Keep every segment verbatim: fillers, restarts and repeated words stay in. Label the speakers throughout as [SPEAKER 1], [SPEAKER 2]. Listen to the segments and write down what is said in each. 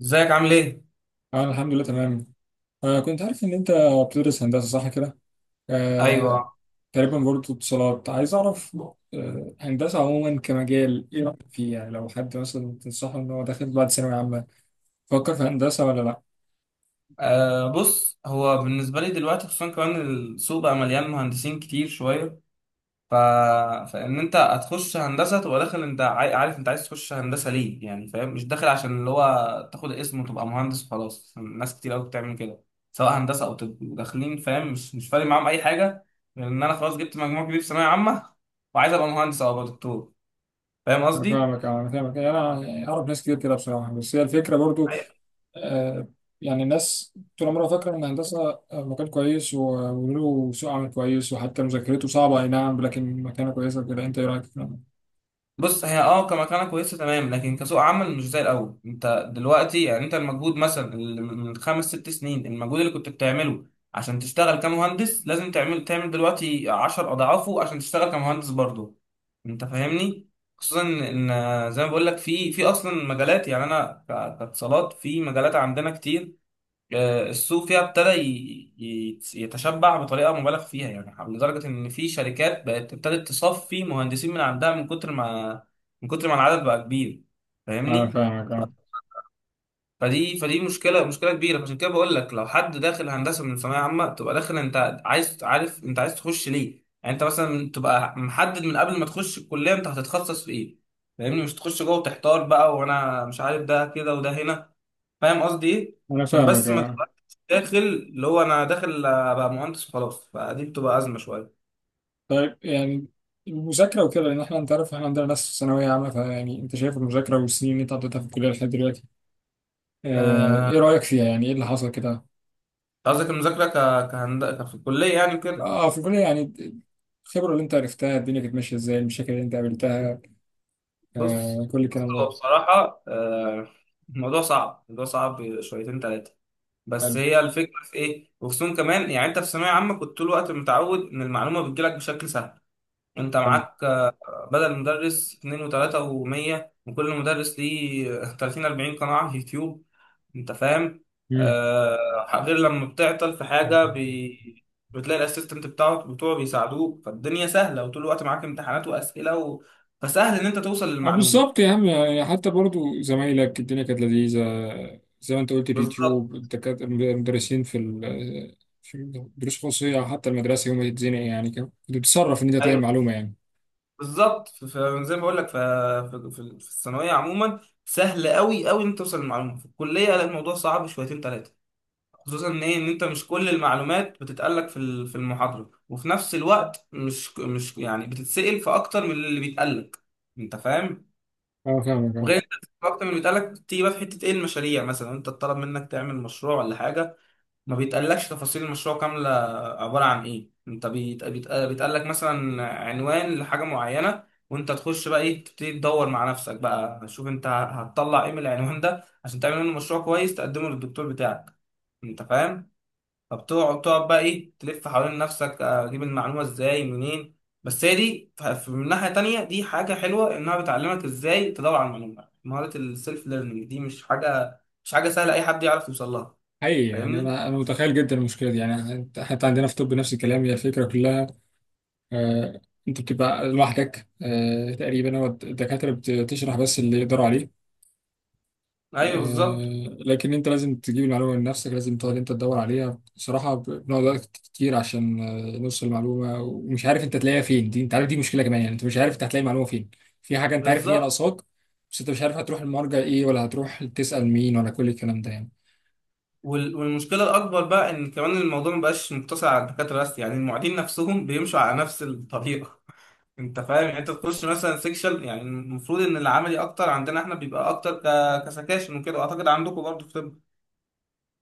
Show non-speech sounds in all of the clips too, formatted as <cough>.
[SPEAKER 1] ازيك عامل ايه؟
[SPEAKER 2] اه، الحمد لله تمام. آه كنت عارف ان انت بتدرس هندسة، صح كده؟ آه
[SPEAKER 1] ايوه.
[SPEAKER 2] تقريبا برضه اتصالات، عايز اعرف. آه هندسة عموما كمجال، ايه رأيك فيه يعني؟ لو حد مثلا تنصحه ان هو داخل بعد ثانوية عامة، فكر في هندسة ولا لا؟
[SPEAKER 1] آه بص، هو بالنسبه لي دلوقتي خصوصا كمان السوق بقى مليان مهندسين كتير شويه. ف... فان انت هتخش هندسه تبقى داخل، انت عاي- عارف انت عايز تخش هندسه ليه، يعني فاهم، مش داخل عشان اللي هو تاخد اسم وتبقى مهندس وخلاص. ناس كتير قوي بتعمل كده، سواء هندسه او طب، داخلين فاهم؟ مش مش فارق معاهم اي حاجه، غير ان انا خلاص جبت مجموع كبير في ثانويه عامه وعايز ابقى مهندس او ابقى دكتور. فاهم
[SPEAKER 2] انا
[SPEAKER 1] قصدي؟
[SPEAKER 2] فاهمك، آه، انا فاهمك، يعني انا اعرف ناس كتير كده بصراحة، بس هي الفكرة برضه. آه، يعني الناس طول عمرها فاكرة إن الهندسة، آه، مكان كويس و- وله سوق عمل كويس، وحتى مذاكرته صعبة، أي نعم، لكن مكانة كويسة كده. أنت إيه رأيك في الكلام ده؟
[SPEAKER 1] بص هي اه كمكانة كويسة تمام، لكن كسوق عمل مش زي الأول. أنت دلوقتي يعني أنت المجهود مثلا اللي من خمس ست سنين المجهود اللي كنت بتعمله عشان تشتغل كمهندس، لازم تعمل تعمل دلوقتي عشر أضعافه عشان تشتغل كمهندس برضه. أنت فاهمني؟ خصوصا إن إن زي ما بقول لك في في أصلا مجالات، يعني أنا ك- كاتصالات في مجالات عندنا كتير. آه، السوق فيها ابتدى ي- ي- يتشبع بطريقه مبالغ فيها، يعني لدرجه ان في شركات بقت ابتدت تصفي مهندسين من عندها من كتر ما، من كتر ما العدد بقى كبير.
[SPEAKER 2] أنا
[SPEAKER 1] فاهمني؟
[SPEAKER 2] فاهمك، أه.
[SPEAKER 1] فدي فدي مشكله مشكله كبيره. عشان كده بقول لك لو حد داخل هندسه من ثانويه عامه، تبقى داخل انت عايز عارف انت عايز تخش ليه، يعني انت مثلا تبقى محدد من قبل ما تخش الكليه انت هتتخصص في ايه. فاهمني؟ مش تخش جوه وتحتار بقى وانا مش عارف ده كده وده هنا. فاهم قصدي ايه؟
[SPEAKER 2] أنا
[SPEAKER 1] عشان
[SPEAKER 2] فاهمك
[SPEAKER 1] بس ما
[SPEAKER 2] أه
[SPEAKER 1] تبقاش داخل اللي هو انا داخل ابقى مهندس وخلاص، فدي بتبقى ازمه شويه.
[SPEAKER 2] طيب، يعني المذاكرة وكده، لأن إحنا أنت عارف، إحنا عندنا ناس في ثانوية عامة، فيعني أنت شايف المذاكرة والسنين اللي أنت قضيتها في الكلية لحد دلوقتي، آه، إيه
[SPEAKER 1] آه،
[SPEAKER 2] رأيك فيها؟ يعني إيه اللي حصل كده؟
[SPEAKER 1] قصدك المذاكره ك... كهند... ك- في الكليه يعني كده؟
[SPEAKER 2] أه، في الكلية، يعني الخبرة اللي أنت عرفتها، الدنيا كانت ماشية إزاي، المشاكل اللي أنت قابلتها،
[SPEAKER 1] بص
[SPEAKER 2] آه، كل
[SPEAKER 1] بص
[SPEAKER 2] الكلام
[SPEAKER 1] هو
[SPEAKER 2] ده.
[SPEAKER 1] بصراحه آه، الموضوع صعب، الموضوع صعب شويتين ثلاثه، بس
[SPEAKER 2] حلو.
[SPEAKER 1] هي الفكره في ايه. وخصوصا كمان يعني انت في ثانويه عامه كنت طول الوقت متعود ان المعلومه بتجيلك بشكل سهل. انت
[SPEAKER 2] حلو.
[SPEAKER 1] معاك آه، بدل مدرس اتنين وتلاتة ومية، وكل مدرس ليه تلاتين اربعين قناة على اليوتيوب. انت فاهم؟ آه غير لما بتعطل في حاجه
[SPEAKER 2] مم.
[SPEAKER 1] بي... بتلاقي الاسيستنت بتاعه بتوعه بيساعدوك، فالدنيا سهله وطول الوقت معاك امتحانات واسئله و... فسهل ان انت توصل
[SPEAKER 2] اه، بالظبط
[SPEAKER 1] للمعلومه.
[SPEAKER 2] يا عم، يعني حتى برضو زمايلك الدنيا كانت لذيذة، زي ما انت قلت،
[SPEAKER 1] بالظبط.
[SPEAKER 2] اليوتيوب، الدكاترة، المدرسين في ال- في الدروس الخصوصية، أو حتى المدرسة يوم ما تتزنق، يعني كان- كنت بتتصرف إن أنت تلاقي
[SPEAKER 1] ايوه
[SPEAKER 2] معلومة يعني.
[SPEAKER 1] بالظبط. ف- ف- زي ما بقول لك ف... في في الثانويه عموما سهل قوي قوي ان انت توصل للمعلومه، في الكليه لا، الموضوع صعب شويتين ثلاثه. خصوصا ان ايه، ان انت مش كل المعلومات بتتقال لك في ال- في المحاضره، وفي نفس الوقت مش مش يعني بتتسال في اكتر من اللي بيتقال لك. انت فاهم؟
[SPEAKER 2] اه، فاهمك اه.
[SPEAKER 1] وغير انت اكتر من بيتقال لك، تيجي بقى في حته ايه، المشاريع مثلا، انت اتطلب منك تعمل مشروع ولا حاجه، ما بيتقالكش تفاصيل المشروع كامله. عباره عن ايه، انت بيت- بيت- بيتقال لك مثلا عنوان لحاجه معينه، وانت تخش بقى ايه تبتدي تدور مع نفسك بقى، شوف انت هتطلع ايه من العنوان ده عشان تعمل منه مشروع كويس تقدمه للدكتور بتاعك. انت فاهم؟ فبتقعد تقعد بقى ايه تلف حوالين نفسك اجيب المعلومه ازاي منين. بس هي دي ف- ف- من ناحيه تانية دي حاجه حلوه انها بتعلمك ازاي تدور على المعلومه. مهاره السيلف ليرنينج دي مش حاجه، مش حاجه سهله اي حد يعرف يوصل لها.
[SPEAKER 2] حقيقي، يعني
[SPEAKER 1] فاهمني؟
[SPEAKER 2] أنا أنا متخيل جدا المشكلة دي، يعني حتى عندنا في طب نفس الكلام. هي الفكرة كلها، آه أنت بتبقى لوحدك، آه تقريبا. هو الدكاترة بتشرح بس اللي يقدروا عليه،
[SPEAKER 1] ايوه. بالظبط
[SPEAKER 2] آه، لكن انت لازم تجيب المعلومه من نفسك، لازم تقعد انت تدور عليها بصراحه، ب- بنقعد وقت كتير عشان آه، نوصل المعلومه، ومش عارف انت تلاقيها فين. دي انت عارف دي مشكله كمان، يعني انت مش عارف انت هتلاقي المعلومه فين. في حاجه انت عارف ان هي
[SPEAKER 1] بالظبط
[SPEAKER 2] ناقصاك، بس انت مش عارف هتروح المرجع ايه، ولا هتروح تسال مين، ولا كل الكلام ده يعني.
[SPEAKER 1] وال- والمشكله الاكبر بقى ان كمان الموضوع ما بقاش مقتصر على الدكاتره بس، يعني المعيدين نفسهم بيمشوا على نفس الطريقه. <laughs> انت فاهم يعني، انت تخش مثلا سيكشن، يعني المفروض ان العملي اكتر عندنا احنا بيبقى اكتر ك- كسكاشن وكده، اعتقد عندكم برضه في طب.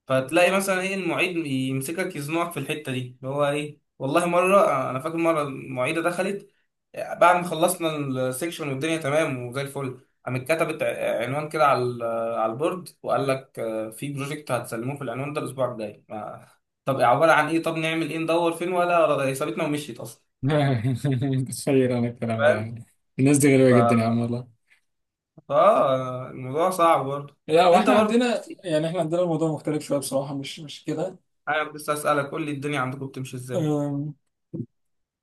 [SPEAKER 1] فتلاقي مثلا ايه المعيد يمسكك يزنقك في الحته دي اللي هو ايه. والله مره انا فاكر مره المعيده دخلت بعد ما خلصنا السكشن والدنيا تمام وزي الفل، قامت كتبت ع- عنوان كده على ال- على البورد، وقال لك آه، في بروجكت هتسلموه في العنوان ده الاسبوع الجاي. ما- طب عباره عن ايه، طب نعمل ايه، ندور فين، ولا سابتنا ومشيت اصلا.
[SPEAKER 2] <laughs> متخيل انا الكلام ده
[SPEAKER 1] فاهم.
[SPEAKER 2] يعني. الناس دي غريبه
[SPEAKER 1] ف...
[SPEAKER 2] جدا يا عم والله.
[SPEAKER 1] ف الموضوع صعب برضه.
[SPEAKER 2] لا،
[SPEAKER 1] انت
[SPEAKER 2] واحنا
[SPEAKER 1] برضه،
[SPEAKER 2] عندنا، يعني احنا عندنا الموضوع مختلف شويه بصراحه، مش مش
[SPEAKER 1] انا بس اسالك قول لي الدنيا عندكم بتمشي ازاي.
[SPEAKER 2] كده.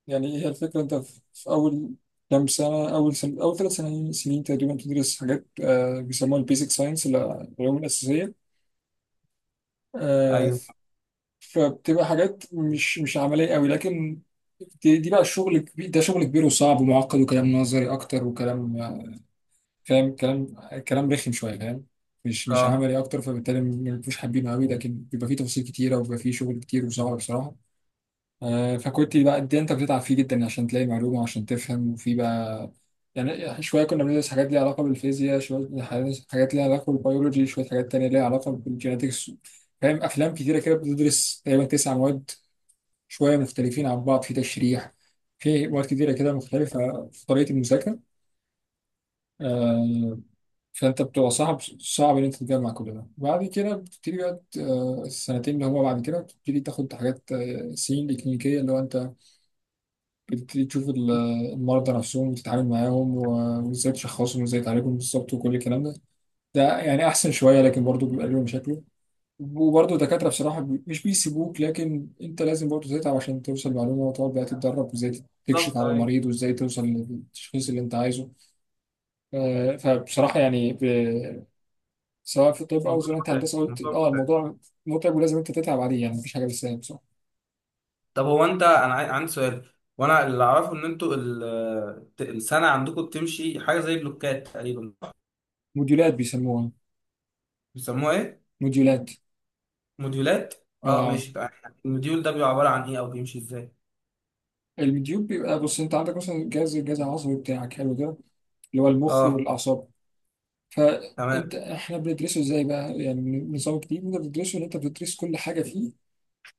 [SPEAKER 2] يعني هي الفكرة، أنت في في أول كام سنة، أول سنة، أول ثلاث سنين سنين تقريبا، تدرس حاجات آه، بيسموها البيزك ساينس، العلوم الأساسية. آه،
[SPEAKER 1] ايوه.
[SPEAKER 2] فبتبقى حاجات مش مش عملية قوي، لكن دي, دي بقى الشغل كبير، ده شغل كبير وصعب ومعقد، وكلام نظري أكتر، وكلام آه، فاهم، كلام كلام رخم شوية فاهم، مش مش
[SPEAKER 1] اه
[SPEAKER 2] عملي أكتر، فبالتالي ما بيبقوش حابينه قوي، لكن بيبقى فيه تفاصيل كتيرة، وبيبقى فيه شغل كتير وصعب بصراحة. آه، فكنت بقى دي انت بتتعب فيه جدا عشان تلاقي معلومه وعشان تفهم، وفي بقى، يعني شويه كنا بندرس حاجات ليها علاقه بالفيزياء، شويه حاجات ليها علاقه بالبيولوجي، شويه حاجات تانية ليها علاقه بالجينetiكس، فاهم، افلام كتيره كده، بتدرس تقريبا تسع مواد، شويه مختلفين عن بعض، في تشريح، في مواد كتيره كده مختلفه في طريقه المذاكره. آه، فانت بتبقى صعب، صعب ان انت تجمع كل ده. بعد كده بتبتدي بقى آه، السنتين اللي هما بعد كده، بتبتدي تاخد حاجات آه، سنين الكلينيكيه، اللي هو انت بتبتدي تشوف ال- المرضى نفسهم، وتتعامل معاهم، و- وازاي تشخصهم وازاي تعالجهم بالظبط، وكل الكلام ده. ده يعني احسن شويه، لكن برضه بيبقى لهم مشاكل، وبرضه الدكاتره بصراحه بي- مش بيسيبوك، لكن انت لازم برضه تتعب عشان توصل معلومه، وتقعد بقى تتدرب، وازاي تكشف
[SPEAKER 1] بالظبط.
[SPEAKER 2] على المريض، وازاي توصل للتشخيص اللي انت عايزه. آه، فبصراحه يعني، ب- سواء في الطب او
[SPEAKER 1] الموضوع
[SPEAKER 2] زي ما انت
[SPEAKER 1] متعب،
[SPEAKER 2] هندسه قلت،
[SPEAKER 1] الموضوع
[SPEAKER 2] اه،
[SPEAKER 1] متعب.
[SPEAKER 2] الموضوع متعب، ولازم انت تتعب عليه، يعني مفيش حاجه بالسهل بصراحه.
[SPEAKER 1] طب هو انت، انا عاي- عندي سؤال، وانا اللي اعرفه ان انتوا ال- ت- السنه عندكم بتمشي حاجه زي بلوكات تقريبا.
[SPEAKER 2] موديولات بيسموها.
[SPEAKER 1] بيسموها ايه؟
[SPEAKER 2] موديولات.
[SPEAKER 1] موديولات. اه
[SPEAKER 2] آه،
[SPEAKER 1] ماشي بقى. الموديول ده بيبقى عباره عن ايه او بيمشي ازاي؟
[SPEAKER 2] اليوتيوب بيبقى، بص انت عندك مثلا الجهاز، الجهاز العصبي بتاعك، حلو كده، اللي هو المخ
[SPEAKER 1] اه.
[SPEAKER 2] والاعصاب.
[SPEAKER 1] تمام.
[SPEAKER 2] فانت احنا بندرسه ازاي بقى يعني، نظام الجديد انت بتدرسه ان انت بتدرس كل حاجه فيه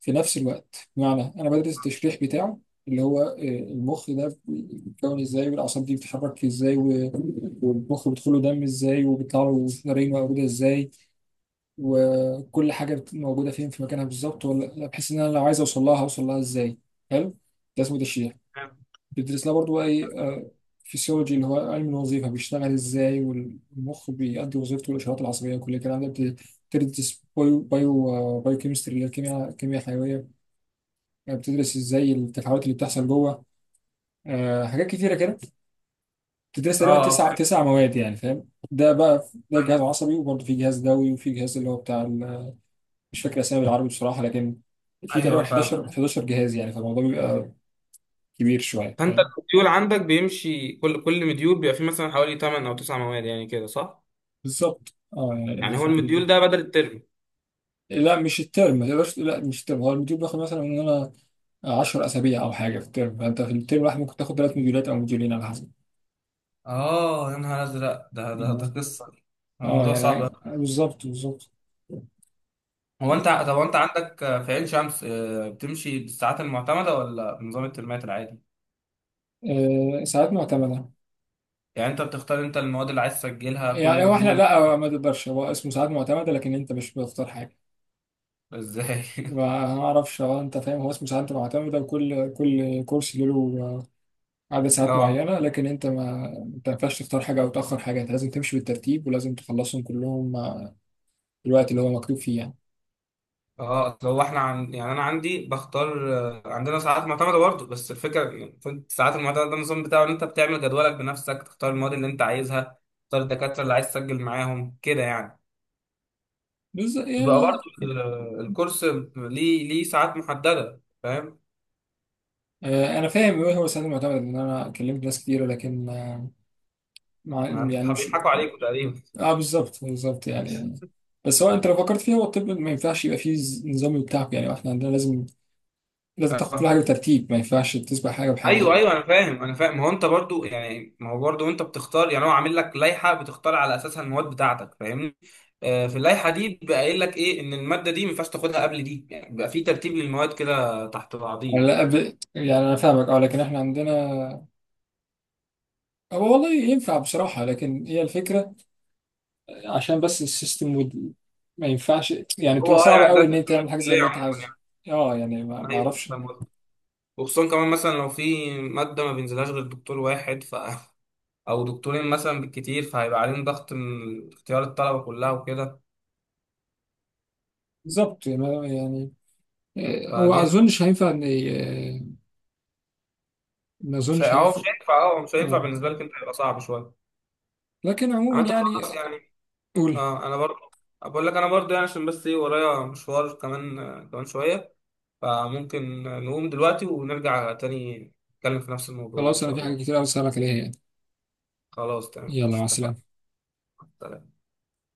[SPEAKER 2] في نفس الوقت، بمعنى انا بدرس التشريح بتاعه، اللي هو آه، المخ ده بيتكون ازاي، والاعصاب دي بتتحرك ازاي، و- والمخ بيدخله دم ازاي، وبيطلع له نارين موجوده ازاي، وكل حاجه بت- موجوده فين في مكانها بالظبط، ولا بحيث ان انا لو عايز اوصل لها هوصل لها ازاي. حلو. ده اسمه تشريح.
[SPEAKER 1] فاهم؟
[SPEAKER 2] بيدرسنا برضو بقى ايه؟ فيسيولوجي، اللي هو علم الوظيفه بيشتغل ازاي، والمخ بيأدي وظيفته، والاشارات العصبيه، وكل الكلام ده بت- بتدرس بايو بايو آه، بايو كيمستري، اللي هي الكيمياء، الكيمياء الحيويه. آه، بتدرس ازاي التفاعلات اللي بتحصل جوه. آه، حاجات كتيره كده بتدرس تقريبا
[SPEAKER 1] اه
[SPEAKER 2] تسع
[SPEAKER 1] فاهم.
[SPEAKER 2] تسع مواد يعني فاهم. ده بقى ده جهاز عصبي، وبرضه في جهاز دوي، وفي جهاز اللي هو بتاع ال- مش فاكر اسامي بالعربي بصراحه، لكن في تقريبا
[SPEAKER 1] ايوه فاهم.
[SPEAKER 2] احد عشر احد عشر جهاز يعني، فالموضوع بيبقى كبير شويه
[SPEAKER 1] فانت
[SPEAKER 2] فاهم.
[SPEAKER 1] الموديول عندك بيمشي، كل كل موديول بيبقى فيه مثلا حوالي تمنية او تسعة مواد يعني، كده صح؟
[SPEAKER 2] بالظبط، اه، يعني
[SPEAKER 1] يعني هو
[SPEAKER 2] في الحدود دي.
[SPEAKER 1] الموديول ده بدل الترم؟
[SPEAKER 2] إيه. لا مش الترم، ما تقدرش تقول لا مش الترم، هو المديول بياخد مثلا من انا عشرة اسابيع او حاجه في الترم، فانت في الترم الواحد ممكن تاخد ثلاث مديولات او مديولين على حسب.
[SPEAKER 1] اه يا نهار ازرق، ده ده ده قصه.
[SPEAKER 2] اه
[SPEAKER 1] الموضوع صعب.
[SPEAKER 2] يعني بالظبط، بالظبط.
[SPEAKER 1] هو انت، طب هو انت عندك في عين شمس آه، بتمشي بالساعات المعتمدة ولا بنظام الترمات العادي؟
[SPEAKER 2] آه ساعات معتمده.
[SPEAKER 1] يعني انت بتختار انت المواد اللي عايز تسجلها كل
[SPEAKER 2] يعني هو احنا
[SPEAKER 1] مديول.
[SPEAKER 2] لا، ما تقدرش، هو اسمه ساعات معتمده لكن انت مش بتختار حاجه.
[SPEAKER 1] ازاي؟ <laughs>
[SPEAKER 2] ما اعرفش، هو انت فاهم، هو اسمه ساعات معتمده، وكل كل كورس له عدد ساعات
[SPEAKER 1] اه.
[SPEAKER 2] معينه، لكن انت ما، انت ما ينفعش تختار حاجه او تاخر حاجه، انت لازم تمشي بالترتيب ولازم تخلصهم كلهم الوقت اللي هو مكتوب فيه يعني.
[SPEAKER 1] اه اصل هو احنا عن... يعني انا عندي بختار آه، عندنا ساعات معتمدة برضه، بس الفكرة يعني الساعات المعتمدة ده النظام بتاعه ان انت بتعمل جدولك بنفسك، تختار المواد اللي انت عايزها، تختار الدكاترة اللي عايز تسجل معاهم كده يعني.
[SPEAKER 2] بس
[SPEAKER 1] بقى برضه
[SPEAKER 2] يعني
[SPEAKER 1] ال- الكورس ليه ليه ساعات محددة، فاهم؟
[SPEAKER 2] آه، انا فاهم ايه هو السند المعتمد، لان انا كلمت ناس كتير، لكن آه، مع
[SPEAKER 1] يعني انتوا
[SPEAKER 2] يعني
[SPEAKER 1] بتح-
[SPEAKER 2] مش.
[SPEAKER 1] بيضحكوا عليكم تقريبا.
[SPEAKER 2] اه، بالظبط بالظبط يعني. بس هو انت لو فكرت فيها، هو الطب ما ينفعش يبقى فيه ز- نظام بتاعك يعني، واحنا عندنا لازم، لازم تاخد كل
[SPEAKER 1] اه.
[SPEAKER 2] حاجه بترتيب، ما ينفعش تسبق حاجه بحاجه
[SPEAKER 1] ايوه
[SPEAKER 2] يعني.
[SPEAKER 1] ايوه انا فاهم، انا فاهم. ما هو انت برضو يعني، ما هو برضو انت بتختار، يعني هو عامل لك لائحه بتختار على اساسها المواد بتاعتك. فاهمني؟ آه في اللائحه دي بيبقى قايل لك ايه، ان الماده دي ما ينفعش تاخدها قبل دي يعني، بيبقى في ترتيب للمواد كده تحت
[SPEAKER 2] أنا
[SPEAKER 1] بعضيه.
[SPEAKER 2] لا، أب... يعني انا فاهمك اه، لكن احنا عندنا، هو والله ينفع بصراحة، لكن هي الفكرة عشان بس السيستم وال... ما ينفعش يعني،
[SPEAKER 1] هو
[SPEAKER 2] بتبقى
[SPEAKER 1] اه
[SPEAKER 2] صعبة
[SPEAKER 1] يعني ده
[SPEAKER 2] قوي إن
[SPEAKER 1] تحت
[SPEAKER 2] أنت
[SPEAKER 1] من
[SPEAKER 2] تعمل حاجة زي
[SPEAKER 1] الكليه
[SPEAKER 2] اللي أنت
[SPEAKER 1] عموما
[SPEAKER 2] عاوزها.
[SPEAKER 1] يعني.
[SPEAKER 2] اه يعني، ما ما
[SPEAKER 1] ايوه
[SPEAKER 2] أعرفش.
[SPEAKER 1] فاهم قصدك. وخصوصا كمان مثلا لو في ماده ما بينزلهاش غير دكتور واحد ف <laughs> او دكتورين مثلا بالكتير، فهيبقى عليهم ضغط من اختيار الطلبه كلها وكده.
[SPEAKER 2] بالظبط يعني، ما- يعني آه، هو
[SPEAKER 1] فدي هتبقى-
[SPEAKER 2] أظنش هينفع إن ي- آه، ما
[SPEAKER 1] مش هي-
[SPEAKER 2] أظنش
[SPEAKER 1] اهو مش
[SPEAKER 2] هينفع.
[SPEAKER 1] هينفع. اه مش هينفع
[SPEAKER 2] اه،
[SPEAKER 1] بالنسبه لك، انت هيبقى صعب شويه.
[SPEAKER 2] لكن
[SPEAKER 1] عامة
[SPEAKER 2] عموما يعني،
[SPEAKER 1] خلاص يعني.
[SPEAKER 2] قول.
[SPEAKER 1] اه انا برضه، بقول لك انا برضه يعني، عشان بس ايه ورايا مشوار كمان آه، كمان شوية، فممكن نقوم دلوقتي ونرجع تاني نتكلم في نفس الموضوع يعني ان
[SPEAKER 2] خلاص، أنا
[SPEAKER 1] شاء
[SPEAKER 2] في حاجة
[SPEAKER 1] الله.
[SPEAKER 2] كتير أوي أسألك عليها يعني.
[SPEAKER 1] خلاص تمام،
[SPEAKER 2] يلا،
[SPEAKER 1] مش
[SPEAKER 2] مع
[SPEAKER 1] اتفقنا.
[SPEAKER 2] السلامة.